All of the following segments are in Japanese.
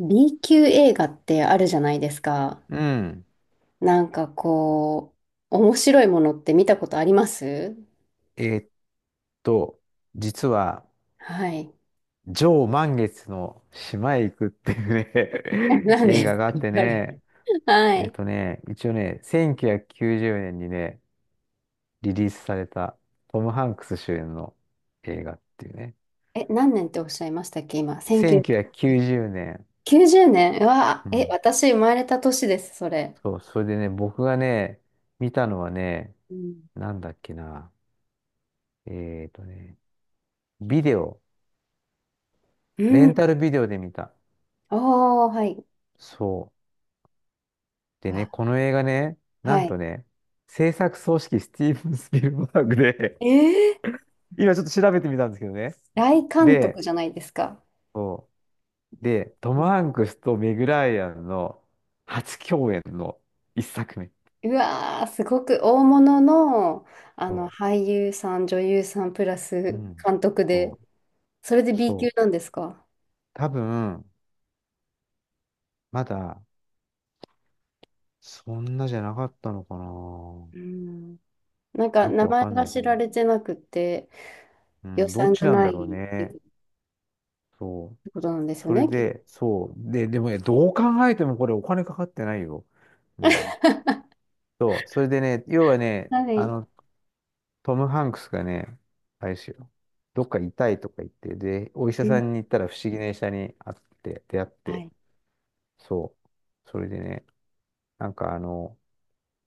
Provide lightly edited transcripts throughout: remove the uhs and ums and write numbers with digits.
B 級映画ってあるじゃないですか。うん。なんかこ面白いものって見たことあります？えーっと、実は、はい。上満月の島へ行くってい うね 何映です画かがあってあれ。ね、はい。一応ね、1990年にね、リリースされたトム・ハンクス主演の映画っていうね。え、何年っておっしゃいましたっけ今。1990 1990年。年。うわ、うえ、ん。私生まれた年です、それ。そう、それでね、僕がね、見たのはね、うん。なんだっけな。えーっとね、ビデオ、うレん。ンタルビデオで見た。おー、はい。そう。うでね、わ、この映画ね、なはんい。とね、制作総指揮スティーブン・スピルバーグで えー、今ちょっと調べてみたんですけどね。大監督で、じゃないですか。そう。で、トム・ハンクスとメグ・ライアンの初共演の一作目。うわー、すごく大物の、あその俳優さん、女優さんプラう。うスん。監督で、そそれで う。B 級そう。なんですか？多分、まだ、そんなじゃなかったのかな。うん。なんかよく名わ前かんがないけ知どらね。れてなくて、う予ん、どっ算ちがなんなだろういっね。てそう。ことなんですよそれね、きっと。で、そう。で、でもね、どう考えてもこれお金かかってないよ。うん。そう、それでね、要はね、はい。トム・ハンクスがね、あれですよ、どっか痛いとか言って、で、お医者うさん。んに行ったら不思議な医者に会って、出会っはて、い。そう、それでね、なんかあの、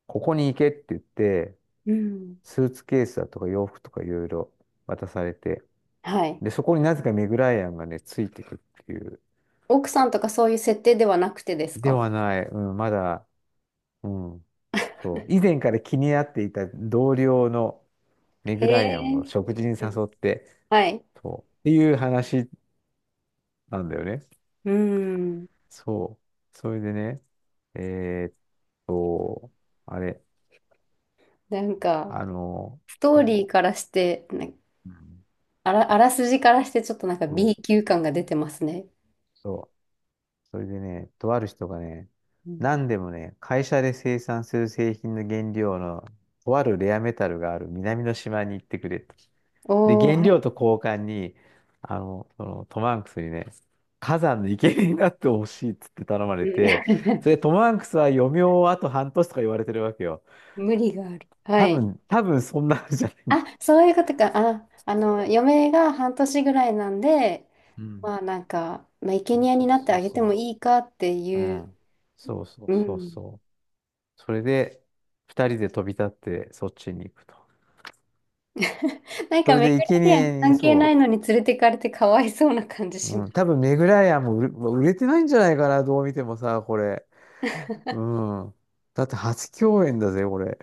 ここに行けって言って、うん。スーツケースだとか洋服とかいろいろ渡されて、はい。で、そこになぜかメグライアンがね、ついてくっていう、奥さんとかそういう設定ではなくてですでか？はない、うん、まだ、うん、そう、以前から気になっていた同僚のメへグライアンをえ。食事に誘って、はい。そう。っていう話なんだよね。うん。そう。それでね、えーっと、あれ、なんか、ストーそリーからして、う。うんあらすじからしてちょっとなんか そ B う。級感が出てますね。そう。それでね、とある人がね、うん。何でもね、会社で生産する製品の原料の、とあるレアメタルがある南の島に行ってくれ。とで、おー、原は料い。と交換に、そのトム・ハンクスにね、火山の生贄になってほしいっつって頼まうれて、それん。 でトム・ハンクスは余命をあと半年とか言われてるわけよ。無理がある。は多い。分、多分そんなのじゃない。あ、そういうことか。あ、あの、嫁が半年ぐらいなんで、うん。生そう贄そにうなってそうあげてもそいいかってう。ういう、ん。そうそううそうん。そう。それで、二人で飛び立ってそっちに行くと。なんそか、れメで、ガ生リアン贄に関係なそいのに連れてかれてかわいそうな感じう。しまうん。す。多分、メグライアンも売れてないんじゃないかな、どう見てもさ、これ。う ん。だって初共演だぜ、これ。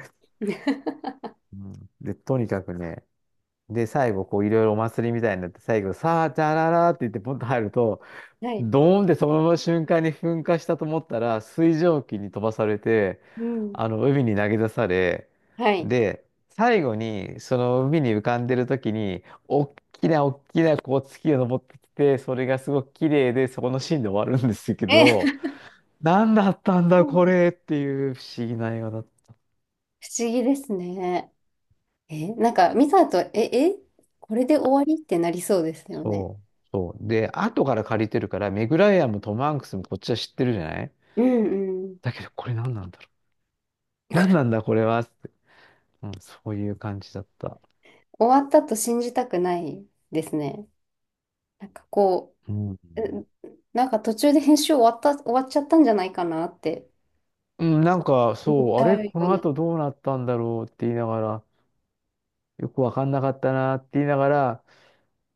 うん、で、とにかくね、で、最後、こう、いろいろお祭りみたいになって、最後、さあ、じゃららって言って、ポンと入ると、はい。ドーンってそのまま瞬間に噴火したと思ったら、水蒸気に飛ばされて、うん。海に投げ出され、はい。で、最後に、その海に浮かんでる時に、おっきなおっきな、こう、月が昇ってきて、それがすごく綺麗で、そこのシーンで終わるんですけえ、ど、何だったん だ、不これっていう不思議な映画だっ思議ですね。え、なんか、ミサと、え、これで終わりってなりそうですよね。そう、そう。で、後から借りてるから、メグライアンもトム・ハンクスもこっちは知ってるじゃないうんうん。だけど、これ何なんだろう。何なんだ、これは。って。うん、そういう感じだった。終わったと信じたくないですね。なんかこうん。う、え、なんか途中で編集終わった、終わっちゃったんじゃないかなってうん、なんか、思っそちう、あゃれ、うよこうのな。後どうなったんだろうって言いながら、よくわかんなかったなって言いながら、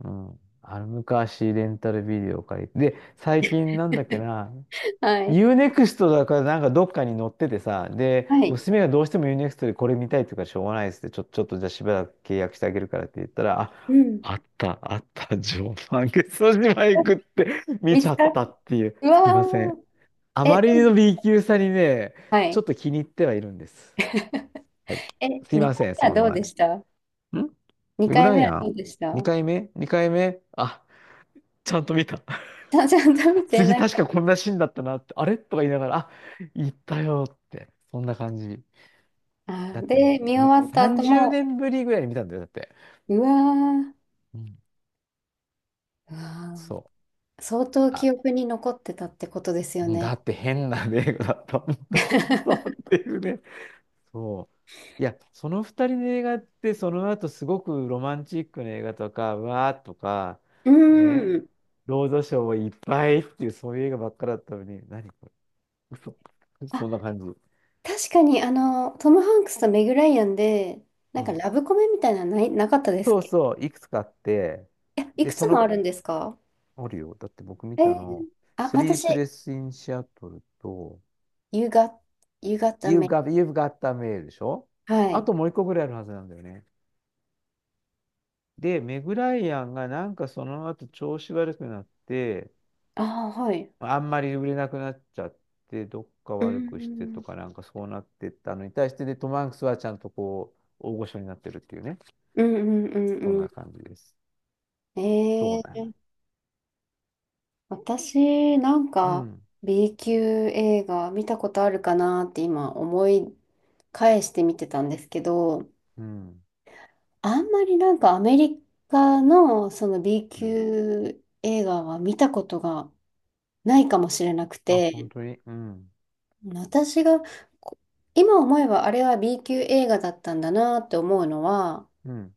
うん、あの昔レンタルビデオを借りて、で、最近なんだっけな、はい。u n ク x トだからなんかどっかに乗っててさ、で、はい。娘がどうしても u n ク x トでこれ見たいっていうからしょうがないですって、ちょっとじゃあしばらく契約してあげるからって言ったら、うあ、ん。あった、あった、常磐下ソ島へ行くって 見見ちつゃっかたっ、っていう、うすいませわん。あー。え、まりどの う？ B 級さにね、はちょっい。と気に入ってはいるんです。はい。え、すいま2回せん、目はそどんうな。でんした？ 2 レグ回ラン目やはどん？ うでし 2 た？回目？ 2 回目あ、ちゃんと見た。ちゃんと見て次な確い。かこんなシーンだったなって、あれとか言いながら、あ、行ったよって、そんな感じ。あだー、って、で、見終に、わった後30も、年ぶりぐらいに見たんだよ、だって。うわー、ううん、わそう。ー、相当あ、記憶に残ってたってことですようんね。だって変な映画だったもんだってさ、っていうね。そう。いや、その二人の映画って、その後すごくロマンチックな映画とか、わーとか、うね、ーん。ロードショーをいっぱいっていう、そういう映画ばっかだったのに、何か嘘。そんなあ、感じ。確かに、あの、トム・ハンクスとメグ・ライアンで、なうんかんラブコメみたいなのない、なかったですっそうけ？そう、いくつかあって、いや、いで、くつそもあの、るんですか？あるよ。だって僕見えたの、ー、あ、スリー私、プレスインシアトルと、You got, You got the You've mail. got, You've got the mail でしょはあい。ともう一個ぐらいあるはずなんだよね。で、メグライアンがなんかその後調子悪くなって、ああ、はい。あんまり売れなくなっちゃって、どっかう悪くしてとん、かなんかそうなってったのに対して、で、トム・ハンクスはちゃんとこう、大御所になってるっていうね。うんうんうそんんなう感じです。ん。そうえなの。ー、私、なんうか、ん。B 級映画見たことあるかなって今思い返して見てたんですけど、うん。あんまりなんかアメリカのその B うん。級映画は見たことがないかもしれなくあ、本て、当に。うん。私がこ今思えばあれは B 級映画だったんだなって思うのは、うん。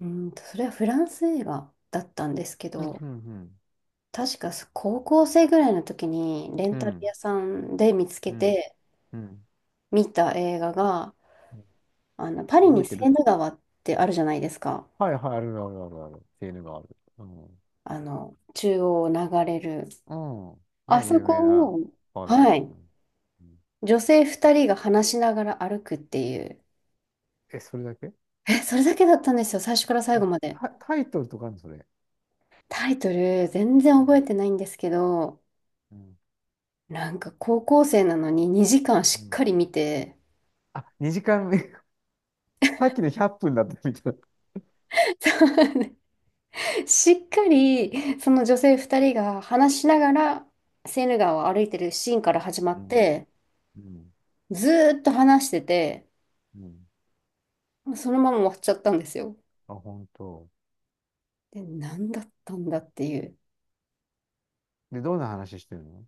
うーんと、それはフランス映画だったんですけうん、うど、ん、確か高校生ぐらいの時にレンうん。うタルん、屋さんで見つけうん。てうん見た映画が、あのパリ覚にえてセーるヌ川ってあるじゃないですか。はい、はい、あるあるあるある。セーヌがある。うん。あの、中央を流れる。うん。あね、そ有名こなを、川だよはね。い、うんうん女性2人が話しながら歩くっていう、え、それだけえ、それだけだったんですよ、最初から最後え、まで。タイトルとかあるのそれ。タイトル、全然うん。覚えてないんですけど、うん。なんか高校生なのに2時間うしっんかり見て、あ、2時間目。さっきの100分だったみたいな。しっかりその女性2人が話しながらセーヌ川を歩いてるシーンから始まうっん。て、うん。ずーっと話してて、うん。そのまま終わっちゃったんですよ。あ、本当。で、何だったんだっていう。で、どんな話してるの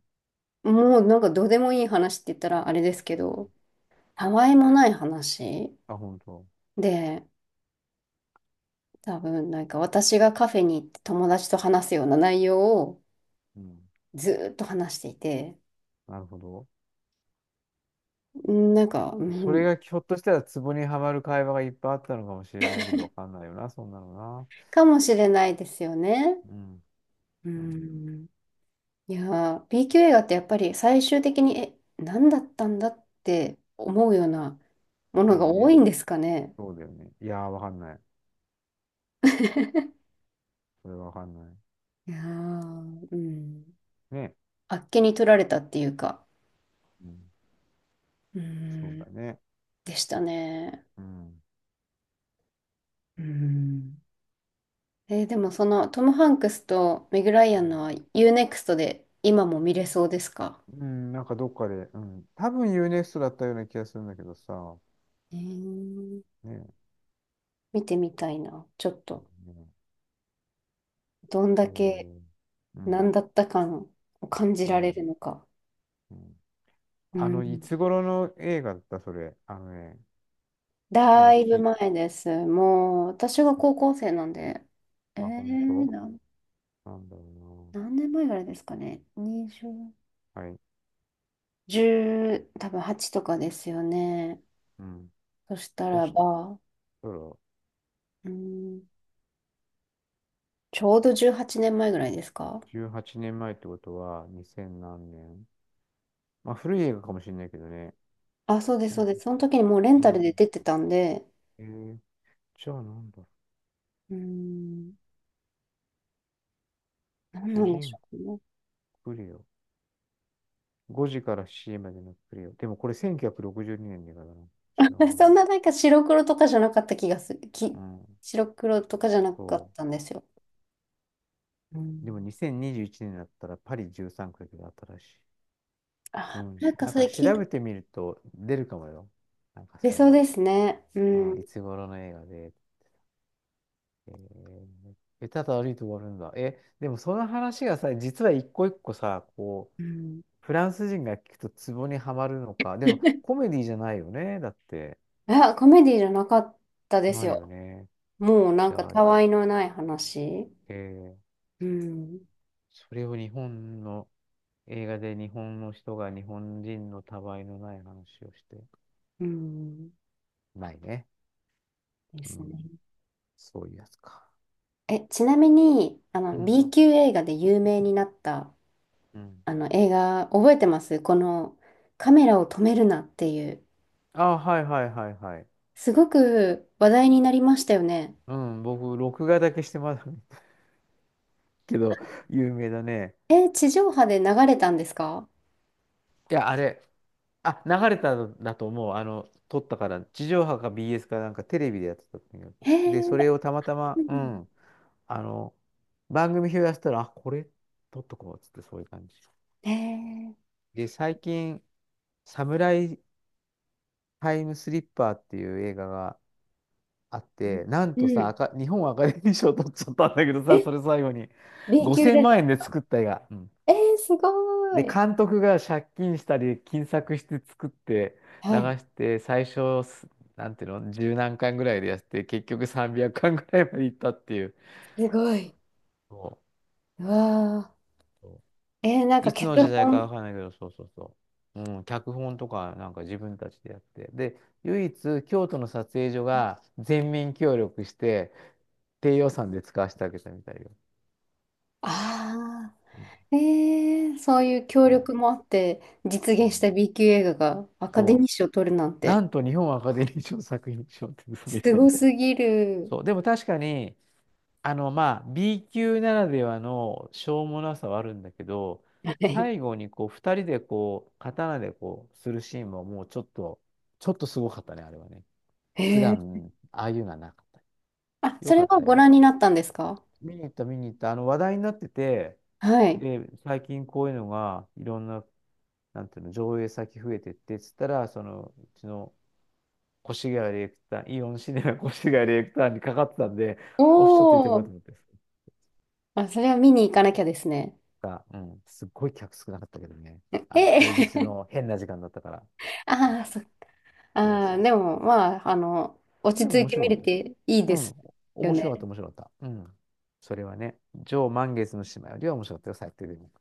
もうなんかどうでもいい話って言ったらあれですけど、たわいもない話あ、本当。で、多分なんか私がカフェに行って友達と話すような内容をうん。ずーっと話していて、なるほど。うんなんか、うそれん、がひょっとしたらツボにはまる会話がいっぱいあったのかもしれないけど、わかんないよな、そんなのな。かもしれないですよね。うん。ううん。ん、いやー、B q 映画ってやっぱり最終的に、え、何だったんだって思うようなものまがあ多ね。いんですかね。そうだよね。いやー、わかんない。それはわかんない。いやー、うん、ね。あっけに取られたっていうか、うん。うそうん、だね。でしたね。うん。うん。えー、でもそのトム・ハンクスとメグ・ライアうンん。のは u ネクストで今も見れそうですか？うんなんかどっかで、うん。多分ユーネ e ストだったような気がするんだけどさ。えー、ね。見てみたいな。ちょっそと、うだね。どんへだけーうん。何だった感を感じうられるん。のか。うん。うあの、いん。つ頃の映画だったそれ。あのね、だ今、いぶき、前です。もう、私が高校生なんで、えあ、本ー、当なん、なんだろ何年前ぐらいですかね。20、うな。はい。1多分8とかですよね。うん。そしたそらば、そうだ、うん、ちょうど18年前ぐらいですか？18年前ってことは、2000何年まあ、古い映画かもしれないけどね。あ、そうです、なそんうでだす。その時にもうレンうタルでん。出てたんで、えー、じゃあなんだうーん、何主なんでし人ょうね。公クレオ。5時から C までのクレオ。でもこれ1962年の映画だな。違う そな。んななんか白黒とかじゃなかった気がする。うん。白黒とかじゃなかそったんですよ。うん、う。でも2021年だったらパリ13区が新しい。うあ、ん。なんかなんそれか調聞いた。べてみると出るかもよ。なんか出そういそううですね。うの。うん。ん。いつ頃の映画で。えー、えただ歩いて終わるんだ。え、でもその話がさ、実は一個一個さ、こう、うん。フランス人が聞くとツボにはまるのか。でも、コメディじゃないよね。だって。あ、コメディじゃなかったですないよよ。ね。もうなじんかゃあ、たわいのない話。えーうん。それを日本の映画で日本の人が日本人のたわいのない話をして。うん。ないね。でうすん。ね。そういうやつか。え、ちなみに、あうの、ん。B 級映画で有名になったうん。あの映画覚えてます？このカメラを止めるなっていう。あ、はいはいはいはい。すごく話題になりましたよね。うん、僕、録画だけしてます けど、有名だね。えー、地上波で流れたんですか？いや、あれ。あ、流れたんだと思う。撮ったから、地上波か BS かなんかテレビでやってたとにかへで、え、それをたまたま、ううん、ん、あの、番組表やってたら、あ、これ撮っとこうっつって、そういう感じ。へー、で、最近、サムライタイムスリッパーっていう映画があって、なんうとさ、アん。カ日本アカデミー賞取っちゃったんだけどえ、さ、それ最後に、B 級5000で。万円で作った映画。えー、すごで、い。監督が借金したり、金策して作って流はい、して、最初す、なんていうの、十何巻ぐらいでやって、結局300巻ぐらいまでいったっていう。すごい。そううわそうー。えー、なんかいつの時脚代か本。わかんないけど、そうそうそう。うん、脚本とかなんか自分たちでやって。で、唯一京都の撮影所が全面協力して、低予算で使わせてあげたみたいよ。ああ。うんえー、そういう協そ力もあって実う。う現した ん、B 級映画がアカデミそー賞を取るなんう。なて、んと日本アカデミー賞作品賞って嘘みすたいごな。すぎる。そう。でも確かに、まあ、B 級ならではのしょうもなさはあるんだけど、はい。最後にこう、二人でこう、刀でこう、するシーンももうちょっと、ちょっとすごかったね、あれはね。普へ、段、ああいうのはなかった。あ、そよれかっはたごよ。覧になったんですか？見に行った、見に行った。話題になってて、はい。で、最近こういうのが、いろんな、なんていうの、上映先増えてって、つったら、その、うちの越谷ディレクター、イオンシネマ越谷ディレクターにかかってたんで、おっしゃっていてもおらったとー。思って。あ、それは見に行かなきゃですね。が、うん。すっごい客少なかったけどね。え平日え、の変な時間だったから。ああ、そっか、そうああ、そうでそも、まあ、あの、落う。ちでも着い面て白見かっれたよ。ていいうでん。すよ面白ね。かった、面白かった。うん。それはね、上満月の島よりは面白かったよ、最低でも。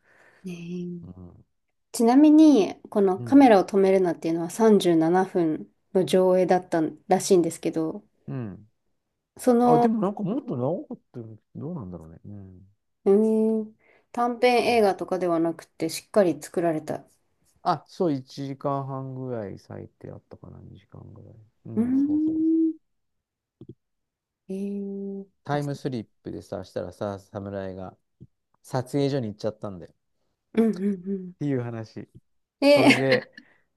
ねえ、うん。ちなみに、このうカメん。ラを止めるなっていうのは37分の上映だったらしいんですけど、うん。そあ、での、もなんかもっと長かったよ。どうなんだろうね。うん。うーん、短編映画とかではなくて、しっかり作られた。あ、そう、1時間半ぐらい最低あったかな、2時間ぐらい。ううーん、そうそう。ん、えー、タあ、イそムスリップでさ、したらさ、侍が撮影所に行っちゃったんだよ。っう、うんうんうん。ていう話。それえ、で、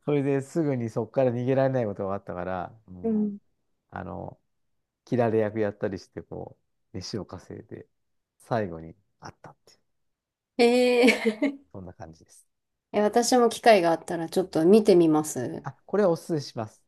それですぐにそこから逃げられないことがあったから、う うん、ん、あの、切られ役やったりして、こう、飯を稼いで、最後にあったっていう、えー。 そんな感じです。え、私も機会があったらちょっと見てみます。あ、これはおすすめします。